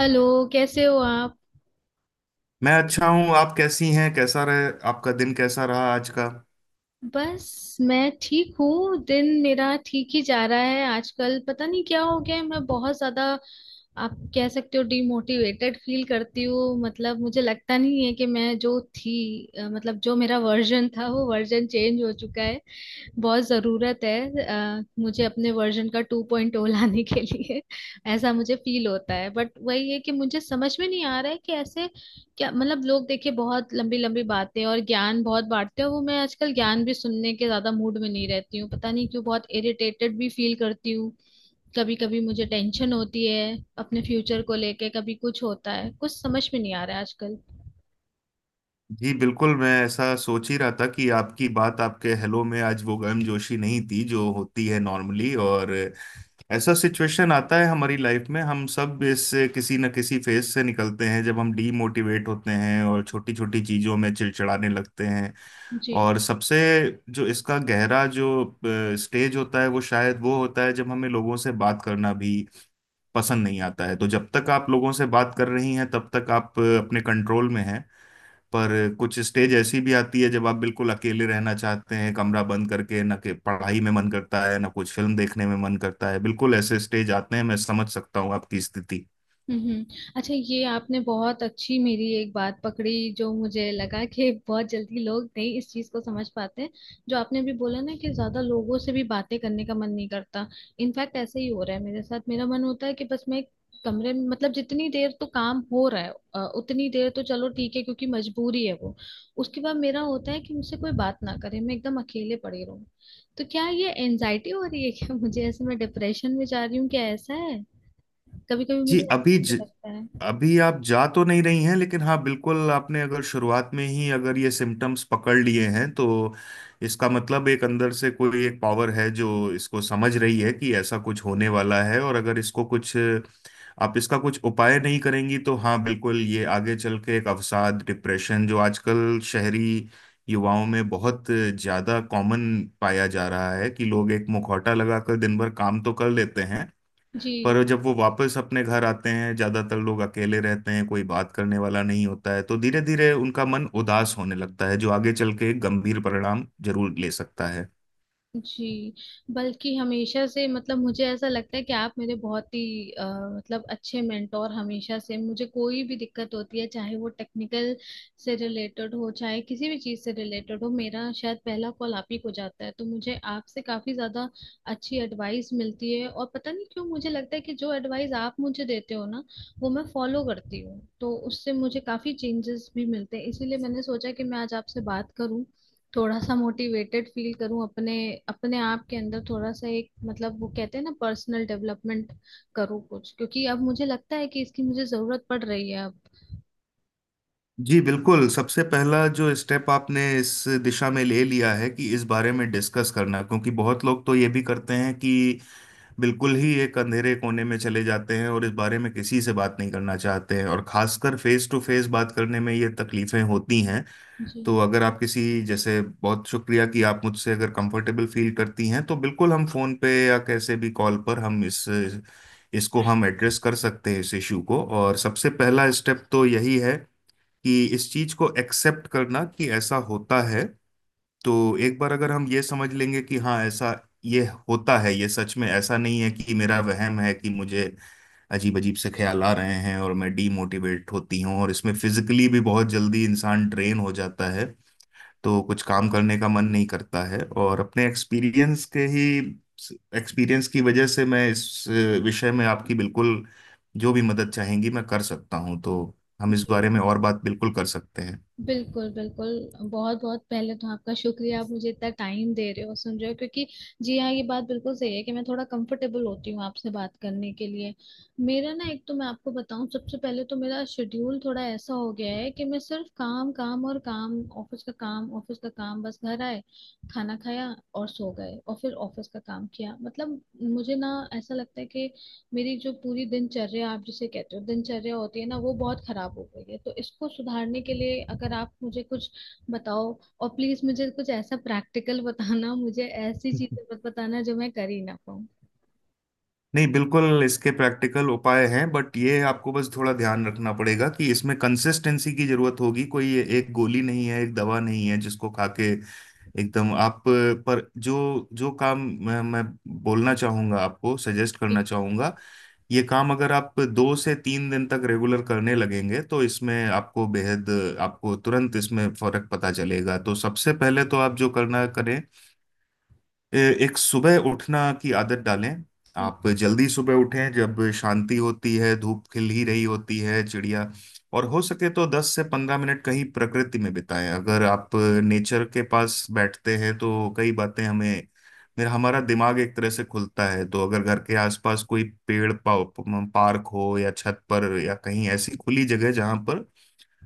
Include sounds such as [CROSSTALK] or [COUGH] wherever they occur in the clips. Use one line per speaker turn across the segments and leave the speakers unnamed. Hello. कैसे हो आप।
मैं अच्छा हूँ। आप कैसी हैं? कैसा रहे आपका दिन? कैसा रहा आज का?
बस मैं ठीक हूँ। दिन मेरा ठीक ही जा रहा है। आजकल पता नहीं क्या हो गया है, मैं बहुत ज्यादा आप कह सकते हो डिमोटिवेटेड फील करती हूँ। मतलब मुझे लगता नहीं है कि मैं जो थी मतलब जो मेरा वर्जन था वो वर्जन चेंज हो चुका है। बहुत ज़रूरत है मुझे अपने वर्जन का 2.0 लाने के लिए। [LAUGHS] ऐसा मुझे फील होता है बट वही है कि मुझे समझ में नहीं आ रहा है कि ऐसे क्या मतलब लोग। देखिए बहुत लंबी लंबी बातें और ज्ञान बहुत बांटते हैं। वो मैं आजकल ज्ञान भी सुनने के ज़्यादा मूड में नहीं रहती हूँ, पता नहीं क्यों। बहुत इरिटेटेड भी फील करती हूँ। कभी कभी मुझे टेंशन होती है अपने फ्यूचर को लेके। कभी कुछ होता है, कुछ समझ में नहीं आ रहा है आजकल।
जी बिल्कुल, मैं ऐसा सोच ही रहा था कि आपकी बात, आपके हेलो में आज वो गर्मजोशी नहीं थी जो होती है नॉर्मली। और ऐसा सिचुएशन आता है हमारी लाइफ में, हम सब इस किसी न किसी फेज से निकलते हैं जब हम डीमोटिवेट होते हैं और छोटी छोटी चीजों में चिड़चिड़ाने लगते हैं।
जी।
और सबसे जो इसका गहरा जो स्टेज होता है, वो शायद वो होता है जब हमें लोगों से बात करना भी पसंद नहीं आता है। तो जब तक आप लोगों से बात कर रही हैं, तब तक आप अपने कंट्रोल में हैं। पर कुछ स्टेज ऐसी भी आती है जब आप बिल्कुल अकेले रहना चाहते हैं, कमरा बंद करके, ना कि पढ़ाई में मन करता है, ना कुछ फिल्म देखने में मन करता है। बिल्कुल ऐसे स्टेज आते हैं, मैं समझ सकता हूँ आपकी स्थिति।
हम्म। अच्छा, ये आपने बहुत अच्छी मेरी एक बात पकड़ी जो मुझे लगा कि बहुत जल्दी लोग नहीं इस चीज को समझ पाते हैं। जो आपने भी बोला ना कि ज्यादा लोगों से भी बातें करने का मन नहीं करता। इनफैक्ट ऐसा ही हो रहा है मेरे साथ। मेरा मन होता है कि बस मैं एक कमरे में, मतलब जितनी देर तो काम हो रहा है उतनी देर तो चलो ठीक है क्योंकि मजबूरी है वो। उसके बाद मेरा होता है कि मुझसे कोई बात ना करे, मैं एकदम अकेले पड़ी रहूं। तो क्या ये एनजाइटी हो रही है क्या। [LAUGHS] मुझे ऐसे, मैं डिप्रेशन में जा रही हूँ क्या, ऐसा है। कभी कभी
जी,
मुझे ऐसा भी लगता है।
अभी आप जा तो नहीं रही हैं, लेकिन हाँ बिल्कुल, आपने अगर शुरुआत में ही अगर ये सिम्टम्स पकड़ लिए हैं, तो इसका मतलब एक अंदर से कोई एक पावर है जो इसको समझ रही है कि ऐसा कुछ होने वाला है। और अगर इसको कुछ आप इसका कुछ उपाय नहीं करेंगी, तो हाँ बिल्कुल ये आगे चल के एक अवसाद, डिप्रेशन, जो आजकल शहरी युवाओं में बहुत ज्यादा कॉमन पाया जा रहा है, कि लोग एक मुखौटा लगाकर दिन भर काम तो कर लेते हैं,
जी।
पर जब वो वापस अपने घर आते हैं, ज्यादातर लोग अकेले रहते हैं, कोई बात करने वाला नहीं होता है, तो धीरे धीरे उनका मन उदास होने लगता है, जो आगे चल के गंभीर परिणाम जरूर ले सकता है।
जी, बल्कि हमेशा से, मतलब मुझे ऐसा लगता है कि आप मेरे बहुत ही मतलब अच्छे मेंटोर। हमेशा से मुझे कोई भी दिक्कत होती है, चाहे वो टेक्निकल से रिलेटेड हो चाहे किसी भी चीज़ से रिलेटेड हो, मेरा शायद पहला कॉल आप ही को जाता है। तो मुझे आपसे काफ़ी ज़्यादा अच्छी एडवाइस मिलती है। और पता नहीं क्यों मुझे लगता है कि जो एडवाइस आप मुझे देते हो ना वो मैं फॉलो करती हूँ, तो उससे मुझे काफ़ी चेंजेस भी मिलते हैं। इसीलिए मैंने सोचा कि मैं आज आपसे बात करूँ, थोड़ा सा मोटिवेटेड फील करूं, अपने अपने आप के अंदर थोड़ा सा एक, मतलब वो कहते हैं ना पर्सनल डेवलपमेंट, करूं कुछ। क्योंकि अब मुझे लगता है कि इसकी मुझे जरूरत पड़ रही है अब।
जी बिल्कुल, सबसे पहला जो स्टेप आपने इस दिशा में ले लिया है कि इस बारे में डिस्कस करना, क्योंकि बहुत लोग तो ये भी करते हैं कि बिल्कुल ही एक अंधेरे कोने में चले जाते हैं और इस बारे में किसी से बात नहीं करना चाहते हैं, और खासकर फेस टू फेस बात करने में ये तकलीफें होती हैं।
जी।
तो अगर आप किसी, जैसे बहुत शुक्रिया कि आप मुझसे अगर कंफर्टेबल फील करती हैं तो बिल्कुल, हम फोन पे या कैसे भी कॉल पर हम इस इसको हम एड्रेस कर सकते हैं, इस इशू को। और सबसे पहला स्टेप तो यही है कि इस चीज को एक्सेप्ट करना कि ऐसा होता है। तो एक बार अगर हम ये समझ लेंगे कि हाँ ऐसा ये होता है, ये सच में ऐसा नहीं है कि मेरा वहम है कि मुझे अजीब अजीब से ख्याल आ रहे हैं, और मैं डीमोटिवेट होती हूँ, और इसमें फिजिकली भी बहुत जल्दी इंसान ड्रेन हो जाता है, तो कुछ काम करने का मन नहीं करता है। और अपने एक्सपीरियंस के ही एक्सपीरियंस की वजह से मैं इस विषय में आपकी बिल्कुल जो भी मदद चाहेंगी मैं कर सकता हूँ। तो हम इस बारे
जी
में और बात बिल्कुल कर सकते
बिल्कुल बिल्कुल। बहुत बहुत पहले तो आपका शुक्रिया, आप मुझे इतना टाइम दे रहे हो, सुन रहे हो क्योंकि। जी हाँ, ये बात बिल्कुल सही है कि मैं थोड़ा कंफर्टेबल होती हूँ आपसे बात करने के लिए। मेरा ना एक तो मैं आपको बताऊँ, सबसे पहले तो मेरा शेड्यूल थोड़ा ऐसा हो गया है कि मैं सिर्फ काम काम और काम, ऑफिस का काम ऑफिस का काम, बस घर आए, खाना खाया और सो गए, और फिर ऑफिस का काम किया। मतलब मुझे ना ऐसा लगता है कि मेरी जो पूरी दिनचर्या, आप जिसे कहते हो दिनचर्या होती है ना, वो बहुत खराब हो गई है। तो इसको सुधारने के लिए अगर आप मुझे कुछ बताओ। और प्लीज मुझे कुछ ऐसा प्रैक्टिकल [LAUGHS] बताना, मुझे ऐसी
हैं।
चीजें मत बताना जो मैं कर ही ना पाऊँ।
नहीं बिल्कुल, इसके प्रैक्टिकल उपाय हैं, बट ये आपको बस थोड़ा ध्यान रखना पड़ेगा कि इसमें कंसिस्टेंसी की जरूरत होगी। कोई ये एक गोली नहीं है, एक दवा नहीं है जिसको खा के एकदम आप पर जो जो काम मैं बोलना चाहूंगा, आपको सजेस्ट
जी।
करना चाहूंगा, ये काम अगर आप 2 से 3 दिन तक रेगुलर करने लगेंगे तो इसमें आपको बेहद, आपको तुरंत इसमें फर्क पता चलेगा। तो सबसे पहले तो आप जो करना करें, एक सुबह उठना की आदत डालें।
हम्म।
आप जल्दी सुबह उठें जब शांति होती है, धूप खिल ही रही होती है, चिड़िया। और हो सके तो 10 से 15 मिनट कहीं प्रकृति में बिताएं। अगर आप नेचर के पास बैठते हैं तो कई बातें हमें, मेरा हमारा दिमाग एक तरह से खुलता है। तो अगर घर के आसपास कोई पेड़, पार्क हो या छत पर या कहीं ऐसी खुली जगह जहां पर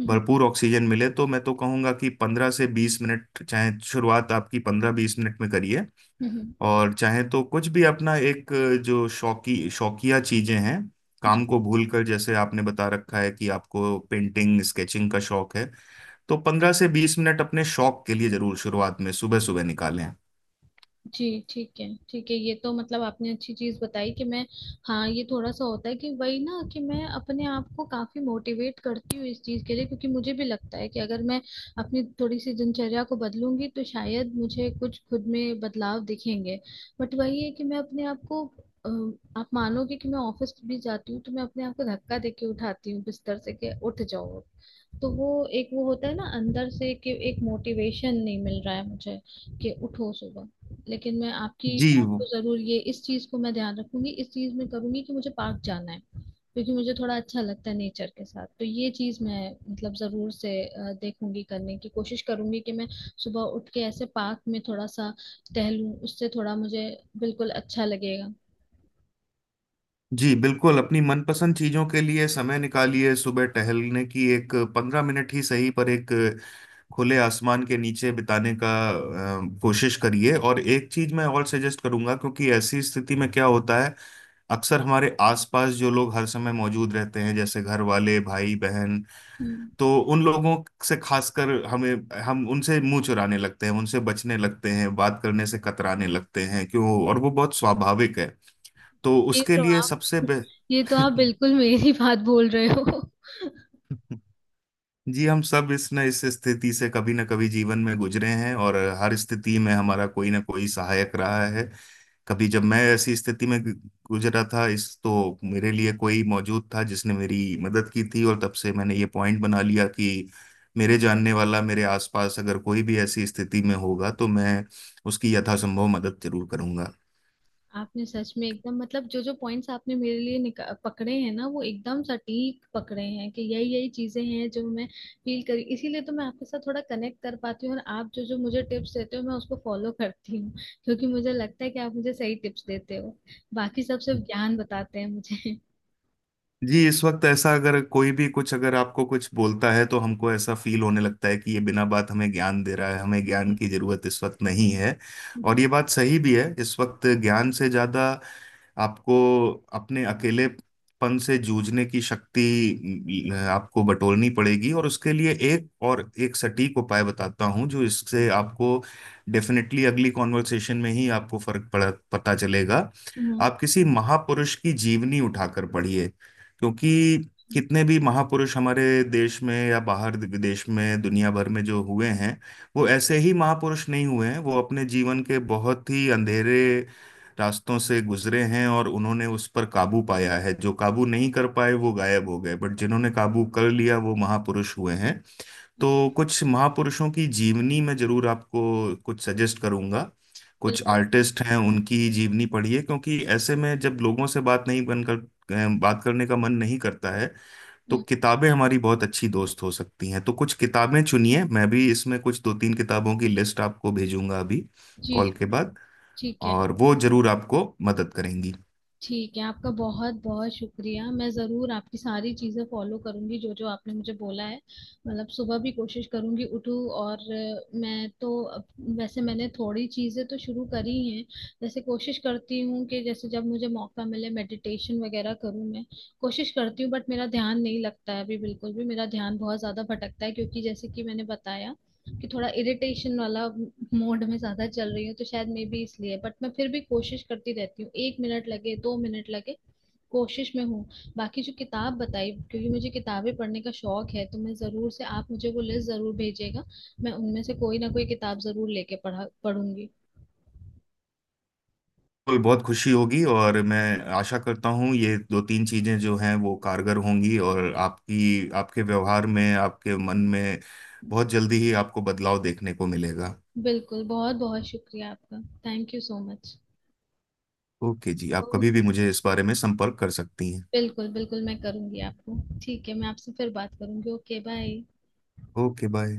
हम्म।
भरपूर ऑक्सीजन मिले, तो मैं तो कहूंगा कि 15 से 20 मिनट, चाहे शुरुआत आपकी 15 20 मिनट में करिए।
हम्म।
और चाहे तो कुछ भी अपना एक जो शौकी शौकिया चीजें हैं,
हम्म।
काम को भूलकर, जैसे आपने बता रखा है कि आपको पेंटिंग स्केचिंग का शौक है, तो 15 से 20 मिनट अपने शौक के लिए जरूर शुरुआत में सुबह सुबह निकालें।
जी ठीक है ठीक है। ये तो मतलब आपने अच्छी चीज़ बताई कि मैं, हाँ ये थोड़ा सा होता है कि वही ना कि मैं अपने आप को काफ़ी मोटिवेट करती हूँ इस चीज़ के लिए। क्योंकि मुझे भी लगता है कि अगर मैं अपनी थोड़ी सी दिनचर्या को बदलूंगी तो शायद मुझे कुछ खुद में बदलाव दिखेंगे। बट वही है कि मैं अपने आप को अ, आप मानोगे कि मैं ऑफिस भी जाती हूँ तो मैं अपने आप को धक्का देके उठाती हूँ बिस्तर से कि उठ जाओ। तो वो एक वो होता है ना अंदर से कि एक मोटिवेशन नहीं मिल रहा है मुझे कि उठो सुबह। लेकिन मैं आपकी
जी
बात
वो-
को जरूर, ये इस चीज को मैं ध्यान रखूंगी, इस चीज में करूंगी कि मुझे पार्क जाना है, क्योंकि मुझे थोड़ा अच्छा लगता है नेचर के साथ। तो ये चीज मैं, मतलब जरूर से देखूंगी करने की कोशिश करूंगी कि मैं सुबह उठ के ऐसे पार्क में थोड़ा सा टहलूं। उससे थोड़ा मुझे बिल्कुल अच्छा लगेगा।
जी बिल्कुल, अपनी मनपसंद चीजों के लिए समय निकालिए। सुबह टहलने की एक 15 मिनट ही सही, पर एक खुले आसमान के नीचे बिताने का कोशिश करिए। और एक चीज मैं और सजेस्ट करूंगा, क्योंकि ऐसी स्थिति में क्या होता है, अक्सर हमारे आसपास जो लोग हर समय मौजूद रहते हैं, जैसे घर वाले, भाई बहन,
हम्म।
तो उन लोगों से खासकर हमें, हम उनसे मुंह चुराने लगते हैं, उनसे बचने लगते हैं, बात करने से कतराने लगते हैं, क्यों? और वो बहुत स्वाभाविक है। तो
ये
उसके
तो
लिए
आप,
सबसे
[LAUGHS] ये तो आप बिल्कुल मेरी बात बोल रहे हो।
[LAUGHS] जी, हम सब इस न इस स्थिति से कभी न कभी जीवन में गुजरे हैं, और हर स्थिति में हमारा कोई ना कोई सहायक रहा है। कभी जब मैं ऐसी स्थिति में गुजरा था इस, तो मेरे लिए कोई मौजूद था जिसने मेरी मदद की थी, और तब से मैंने ये पॉइंट बना लिया कि मेरे जानने वाला मेरे आसपास अगर कोई भी ऐसी स्थिति में होगा, तो मैं उसकी यथासंभव मदद जरूर करूंगा।
आपने सच में एकदम, मतलब जो जो पॉइंट्स आपने मेरे लिए पकड़े हैं ना वो एकदम सटीक पकड़े हैं, कि यही यही चीजें हैं जो मैं फील करी। इसीलिए तो मैं आपके साथ थोड़ा कनेक्ट कर पाती हूँ, और आप जो जो मुझे टिप्स देते हो मैं उसको फॉलो करती हूँ क्योंकि मुझे लगता है कि आप मुझे सही टिप्स देते हो। बाकी सब सिर्फ ज्ञान बताते हैं मुझे।
जी, इस वक्त ऐसा अगर कोई भी कुछ अगर आपको कुछ बोलता है, तो हमको ऐसा फील होने लगता है कि ये बिना बात हमें ज्ञान दे रहा है, हमें ज्ञान की जरूरत इस वक्त नहीं है।
[LAUGHS] हम्म।
और ये बात सही भी है, इस वक्त ज्ञान से ज्यादा आपको अपने अकेलेपन से जूझने की शक्ति आपको बटोरनी पड़ेगी। और उसके लिए एक और एक सटीक उपाय बताता हूँ, जो इससे आपको डेफिनेटली अगली कॉन्वर्सेशन में ही आपको फर्क पड़ा पता चलेगा।
हम्म।
आप किसी महापुरुष की जीवनी उठाकर पढ़िए, क्योंकि कितने भी महापुरुष हमारे देश में या बाहर विदेश में दुनिया भर में जो हुए हैं, वो
हम्म।
ऐसे ही महापुरुष नहीं हुए हैं। वो अपने जीवन के बहुत ही अंधेरे रास्तों से गुजरे हैं और उन्होंने उस पर काबू पाया है। जो काबू नहीं कर पाए वो गायब हो गए, बट जिन्होंने काबू कर लिया वो महापुरुष हुए हैं। तो कुछ महापुरुषों की जीवनी मैं जरूर आपको कुछ सजेस्ट करूंगा। कुछ
बिल्कुल।
आर्टिस्ट हैं, उनकी जीवनी पढ़िए, क्योंकि ऐसे में जब लोगों से बात नहीं बनकर बात करने का मन नहीं करता है, तो
हम्म।
किताबें हमारी बहुत अच्छी दोस्त हो सकती हैं। तो कुछ किताबें चुनिए, मैं भी इसमें कुछ दो तीन किताबों की लिस्ट आपको भेजूंगा अभी
जी।
कॉल के
जी,
बाद,
ठीक है।
और वो जरूर आपको मदद करेंगी।
ठीक है, आपका बहुत बहुत शुक्रिया। मैं ज़रूर आपकी सारी चीज़ें फॉलो करूंगी जो जो आपने मुझे बोला है। मतलब सुबह भी कोशिश करूंगी उठूँ। और मैं तो अब-, वैसे मैंने थोड़ी चीज़ें तो शुरू करी हैं, जैसे कोशिश करती हूँ कि जैसे जब मुझे मौका मिले मेडिटेशन वगैरह करूँ। मैं कोशिश करती हूँ बट मेरा ध्यान नहीं लगता है अभी बिल्कुल भी। मेरा ध्यान बहुत ज़्यादा भटकता है क्योंकि जैसे कि मैंने बताया कि थोड़ा इरिटेशन वाला मोड में ज्यादा चल रही हूँ, तो शायद मे बी इसलिए। बट मैं फिर भी कोशिश करती रहती हूँ, 1 मिनट लगे 2 मिनट लगे, कोशिश में हूँ। बाकी जो किताब बताई, क्योंकि मुझे किताबें पढ़ने का शौक है, तो मैं ज़रूर से, आप मुझे वो लिस्ट ज़रूर भेजिएगा। मैं उनमें से कोई ना कोई किताब ज़रूर लेके पढ़ा पढ़ूंगी।
बिल्कुल, बहुत खुशी होगी। और मैं आशा करता हूँ ये दो तीन चीजें जो हैं वो कारगर होंगी, और आपकी आपके व्यवहार में, आपके मन में बहुत जल्दी ही आपको बदलाव देखने को मिलेगा।
बिल्कुल, बहुत बहुत शुक्रिया आपका। Thank you so much.
Okay जी, आप कभी भी मुझे इस बारे में संपर्क कर सकती हैं।
बिल्कुल बिल्कुल, मैं करूंगी आपको। ठीक है, मैं आपसे फिर बात करूंगी। Okay bye.
Okay, bye.